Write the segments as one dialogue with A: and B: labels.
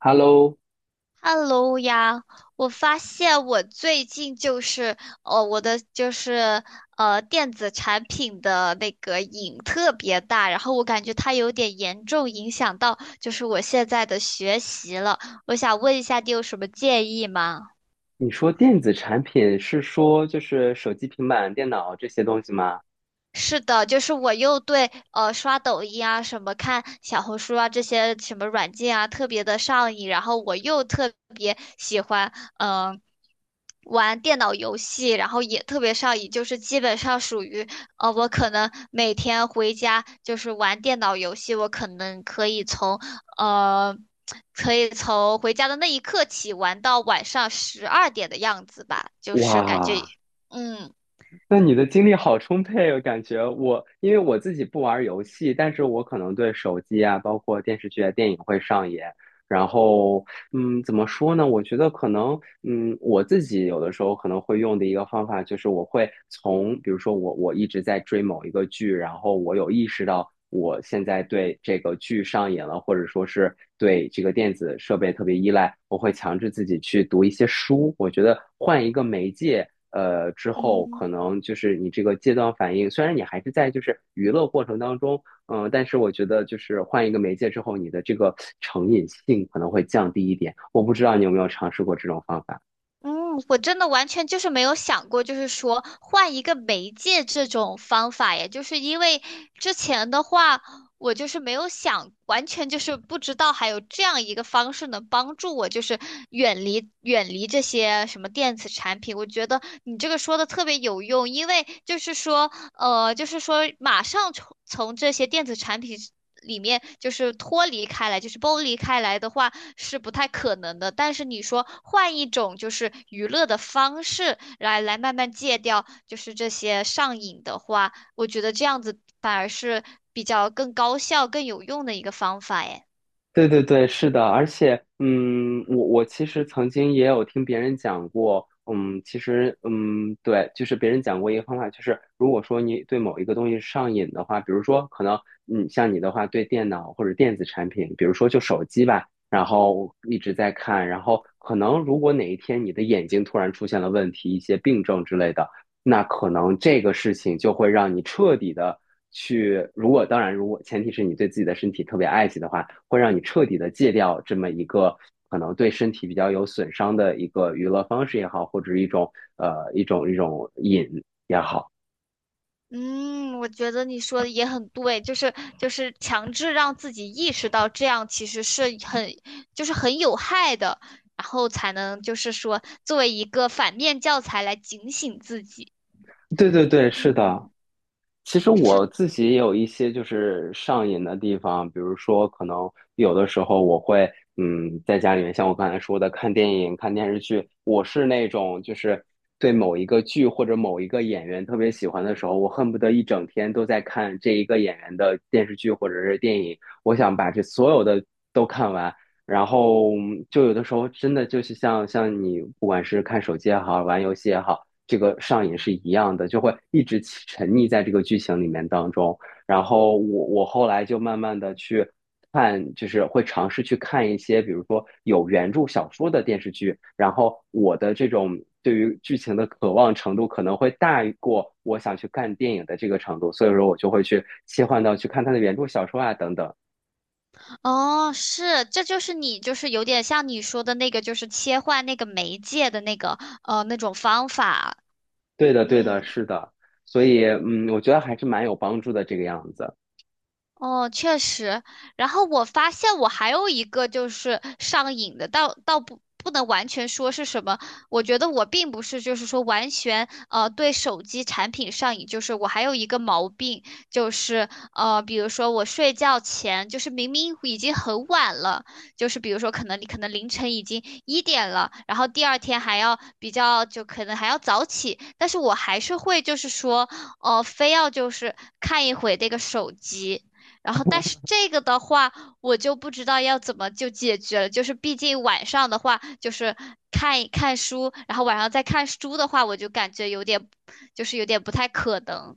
A: Hello，
B: Hello 呀，我发现我最近就是我的就是电子产品的那个瘾特别大，然后我感觉它有点严重影响到就是我现在的学习了。我想问一下，你有什么建议吗？
A: 你说电子产品是说就是手机、平板、电脑这些东西吗？
B: 是的，就是我又对刷抖音啊、什么看小红书啊这些什么软件啊特别的上瘾，然后我又特别喜欢嗯、呃玩电脑游戏，然后也特别上瘾，就是基本上属于我可能每天回家就是玩电脑游戏，我可能可以呃可以从回家的那一刻起玩到晚上12点的样子吧，就是感觉，
A: 哇，
B: 嗯。
A: 那你的精力好充沛哦，我感觉我因为我自己不玩游戏，但是我可能对手机啊，包括电视剧啊、电影会上瘾，然后怎么说呢？我觉得可能，我自己有的时候可能会用的一个方法就是，我会从，比如说我一直在追某一个剧，然后我有意识到我现在对这个剧上瘾了，或者说是对这个电子设备特别依赖，我会强制自己去读一些书。我觉得换一个媒介，之后可
B: 嗯，
A: 能就是你这个戒断反应，虽然你还是在就是娱乐过程当中。嗯，但是我觉得就是换一个媒介之后，你的这个成瘾性可能会降低一点。我不知道你有没有尝试过这种方法。
B: 嗯，我真的完全就是没有想过，就是说换一个媒介这种方法耶，就是因为之前的话，我就是没有想，完全就是不知道还有这样一个方式能帮助我，就是远离这些什么电子产品。我觉得你这个说的特别有用，因为就是说就是说马上从这些电子产品里面就是脱离开来，就是剥离开来的话是不太可能的。但是你说换一种就是娱乐的方式来慢慢戒掉，就是这些上瘾的话，我觉得这样子反而是比较更高效、更有用的一个方法耶。
A: 对对对，是的，而且，我其实曾经也有听别人讲过，其实，对，就是别人讲过一个方法，就是如果说你对某一个东西上瘾的话，比如说可能，像你的话，对电脑或者电子产品，比如说就手机吧，然后一直在看，然后可能如果哪一天你的眼睛突然出现了问题，一些病症之类的，那可能这个事情就会让你彻底的去，如果当然，如果前提是你对自己的身体特别爱惜的话，会让你彻底的戒掉这么一个可能对身体比较有损伤的一个娱乐方式也好，或者一种瘾。
B: 嗯，我觉得你说的也很对，就是强制让自己意识到这样其实是很就是很有害的，然后才能就是说作为一个反面教材来警醒自己。
A: 对对对，是的。
B: 嗯，
A: 其实
B: 是。
A: 我自己也有一些就是上瘾的地方，比如说可能有的时候我会在家里面，像我刚才说的看电影、看电视剧，我是那种就是对某一个剧或者某一个演员特别喜欢的时候，我恨不得一整天都在看这一个演员的电视剧或者是电影，我想把这所有的都看完。然后就有的时候真的就是像你不管是看手机也好，玩游戏也好，这个上瘾是一样的，就会一直起沉溺在这个剧情里面当中。然后我后来就慢慢的去看，就是会尝试去看一些，比如说有原著小说的电视剧，然后我的这种对于剧情的渴望程度可能会大于过我想去看电影的这个程度，所以说我就会去切换到去看它的原著小说啊等等。
B: 哦，是，这就是你就是有点像你说的那个，就是切换那个媒介的那个那种方法。
A: 对的，对的，
B: 嗯。
A: 是的，所以我觉得还是蛮有帮助的这个样子。
B: 哦，确实。然后我发现我还有一个就是上瘾的，倒不能完全说是什么。我觉得我并不是就是说完全对手机产品上瘾，就是我还有一个毛病，就是比如说我睡觉前，就是明明已经很晚了，就是比如说可能你可能凌晨已经一点了，然后第二天还要比较就可能还要早起，但是我还是会就是说非要就是看一会这个手机。然后，但是这个的话，我就不知道要怎么就解决了。就是毕竟晚上的话，就是看一看书，然后晚上再看书的话，我就感觉有点，就是有点不太可能。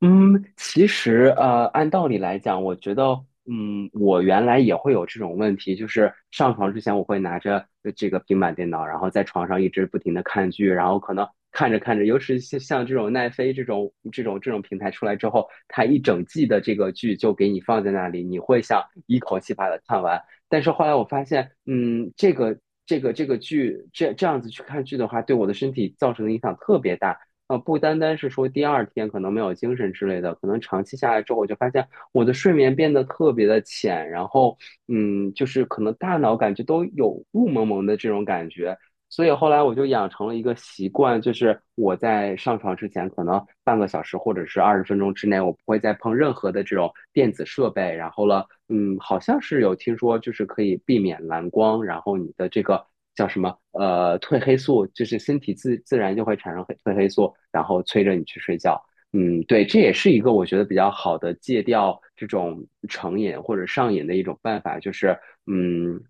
A: 嗯，其实按道理来讲，我觉得，我原来也会有这种问题，就是上床之前我会拿着这个平板电脑，然后在床上一直不停的看剧，然后可能看着看着，尤其是像这种奈飞这种平台出来之后，它一整季的这个剧就给你放在那里，你会想一口气把它看完。但是后来我发现，这个剧这样子去看剧的话，对我的身体造成的影响特别大。不单单是说第二天可能没有精神之类的，可能长期下来之后，我就发现我的睡眠变得特别的浅，然后，就是可能大脑感觉都有雾蒙蒙的这种感觉，所以后来我就养成了一个习惯，就是我在上床之前，可能半个小时或者是20分钟之内，我不会再碰任何的这种电子设备。然后了，好像是有听说，就是可以避免蓝光，然后你的这个叫什么，褪黑素，就是身体自自然就会产生黑褪黑素，然后催着你去睡觉。对，这也是一个我觉得比较好的戒掉这种成瘾或者上瘾的一种办法，就是嗯，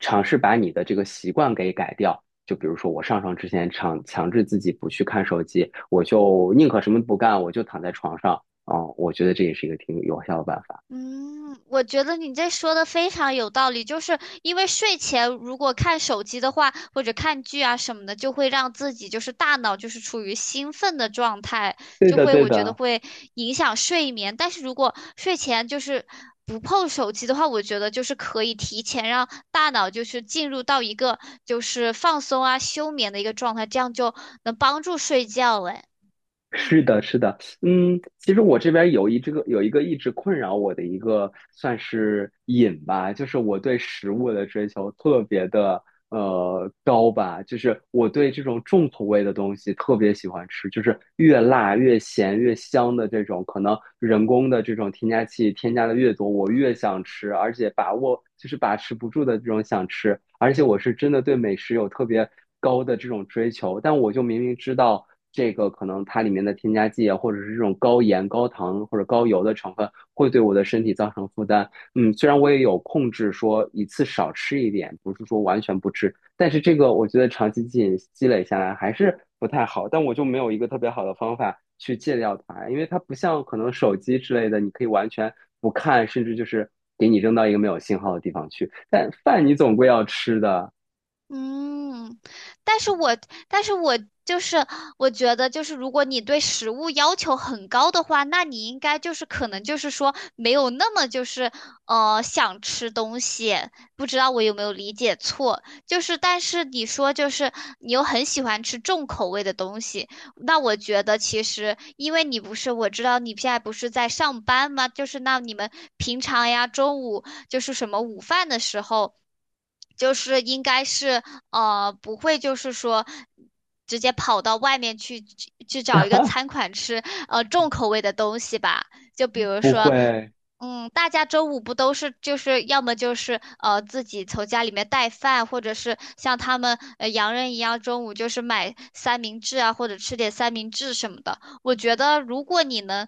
A: 尝试把你的这个习惯给改掉。就比如说我上床之前强制自己不去看手机，我就宁可什么不干，我就躺在床上。我觉得这也是一个挺有效的办法。
B: 嗯，我觉得你这说的非常有道理，就是因为睡前如果看手机的话，或者看剧啊什么的，就会让自己就是大脑就是处于兴奋的状态，
A: 对
B: 就
A: 的，
B: 会
A: 对
B: 我觉得
A: 的。
B: 会影响睡眠。但是如果睡前就是不碰手机的话，我觉得就是可以提前让大脑就是进入到一个就是放松啊休眠的一个状态，这样就能帮助睡觉。哎，
A: 是
B: 嗯。
A: 的，是的，其实我这边有一个一直困扰我的一个算是瘾吧，就是我对食物的追求特别的高吧，就是我对这种重口味的东西特别喜欢吃，就是越辣越咸越香的这种，可能人工的这种添加剂添加的越多，我越想吃，而且把握就是把持不住的这种想吃，而且我是真的对美食有特别高的这种追求，但我就明明知道。这个可能它里面的添加剂啊，或者是这种高盐、高糖或者高油的成分，会对我的身体造成负担。嗯，虽然我也有控制，说一次少吃一点，不是说完全不吃，但是这个我觉得长期积累下来还是不太好。但我就没有一个特别好的方法去戒掉它，因为它不像可能手机之类的，你可以完全不看，甚至就是给你扔到一个没有信号的地方去。但饭你总归要吃的，
B: 嗯，但是我但是我就是我觉得就是如果你对食物要求很高的话，那你应该就是可能就是说没有那么就是想吃东西，不知道我有没有理解错？就是但是你说就是你又很喜欢吃重口味的东西，那我觉得其实因为你不是我知道你现在不是在上班吗？就是那你们平常呀中午就是什么午饭的时候。就是应该是不会就是说直接跑到外面去找一个 餐馆吃重口味的东西吧，就比如
A: 不
B: 说。
A: 会。
B: 嗯，大家周五不都是就是要么就是自己从家里面带饭，或者是像他们洋人一样中午就是买三明治啊，或者吃点三明治什么的。我觉得如果你能，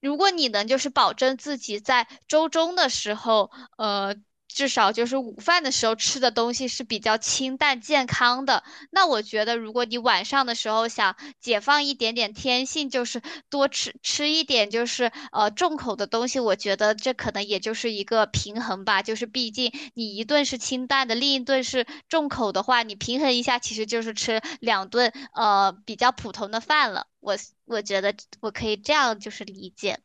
B: 如果你能就是保证自己在周中的时候，呃，至少就是午饭的时候吃的东西是比较清淡健康的，那我觉得，如果你晚上的时候想解放一点点天性，就是多吃吃一点，就是重口的东西，我觉得这可能也就是一个平衡吧。就是毕竟你一顿是清淡的，另一顿是重口的话，你平衡一下，其实就是吃2顿比较普通的饭了。我觉得我可以这样就是理解。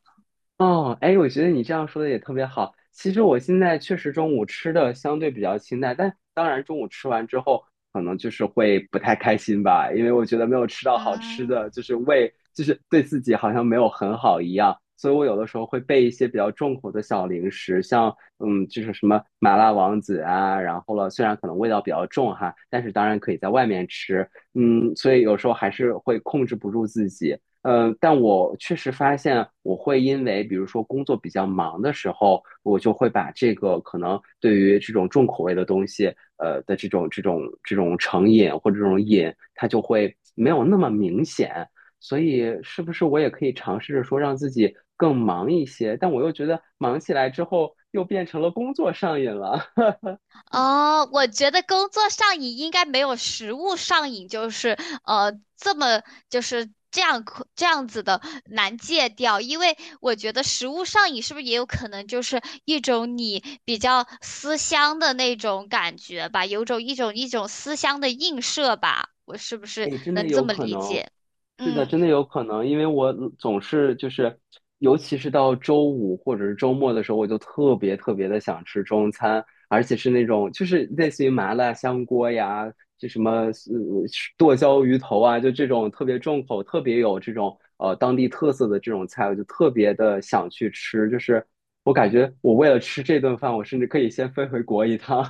A: 哦，哎，我觉得你这样说的也特别好。其实我现在确实中午吃的相对比较清淡，但当然中午吃完之后，可能就是会不太开心吧，因为我觉得没有吃到好吃
B: 嗯。
A: 的，就是胃就是对自己好像没有很好一样，所以我有的时候会备一些比较重口的小零食，像就是什么麻辣王子啊，然后了，虽然可能味道比较重哈，但是当然可以在外面吃，嗯，所以有时候还是会控制不住自己。嗯，但我确实发现，我会因为比如说工作比较忙的时候，我就会把这个可能对于这种重口味的东西，的这种成瘾或者这种瘾，它就会没有那么明显。所以，是不是我也可以尝试着说让自己更忙一些？但我又觉得忙起来之后又变成了工作上瘾了。
B: 哦，我觉得工作上瘾应该没有食物上瘾，就是这么就是这样子的难戒掉，因为我觉得食物上瘾是不是也有可能就是一种你比较思乡的那种感觉吧，有种一种思乡的映射吧，我是不是
A: 哎，真的
B: 能这
A: 有
B: 么
A: 可
B: 理
A: 能，
B: 解？
A: 是的，
B: 嗯。
A: 真的有可能，因为我总是就是，尤其是到周五或者是周末的时候，我就特别特别的想吃中餐，而且是那种就是类似于麻辣香锅呀，就什么剁椒鱼头啊，就这种特别重口、特别有这种当地特色的这种菜，我就特别的想去吃，就是我感觉我为了吃这顿饭，我甚至可以先飞回国一趟。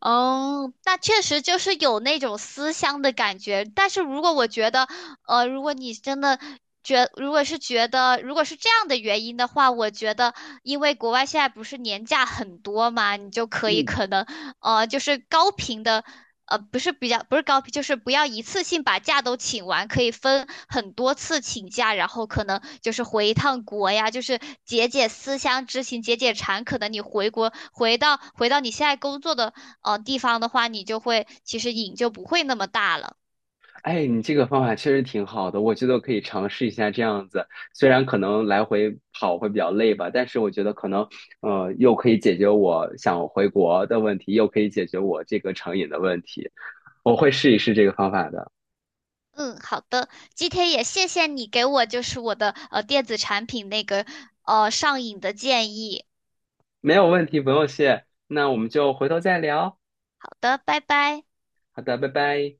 B: 哦，那确实就是有那种思乡的感觉。但是如果我觉得，如果你真的觉，如果是觉得，如果是这样的原因的话，我觉得，因为国外现在不是年假很多嘛，你就 可以
A: 嗯。
B: 可能，就是高频的，不是比较，不是高频，就是不要一次性把假都请完，可以分很多次请假，然后可能就是回一趟国呀，就是解解思乡之情，解解馋。可能你回国，回到你现在工作的。地方的话，你就会其实瘾就不会那么大了。
A: 哎，你这个方法确实挺好的，我觉得我可以尝试一下这样子。虽然可能来回跑会比较累吧，但是我觉得可能，又可以解决我想回国的问题，又可以解决我这个成瘾的问题。我会试一试这个方法的，
B: 嗯，好的，今天也谢谢你给我就是我的电子产品那个上瘾的建议。
A: 没有问题，不用谢。那我们就回头再聊。
B: 好的，拜拜。
A: 好的，拜拜。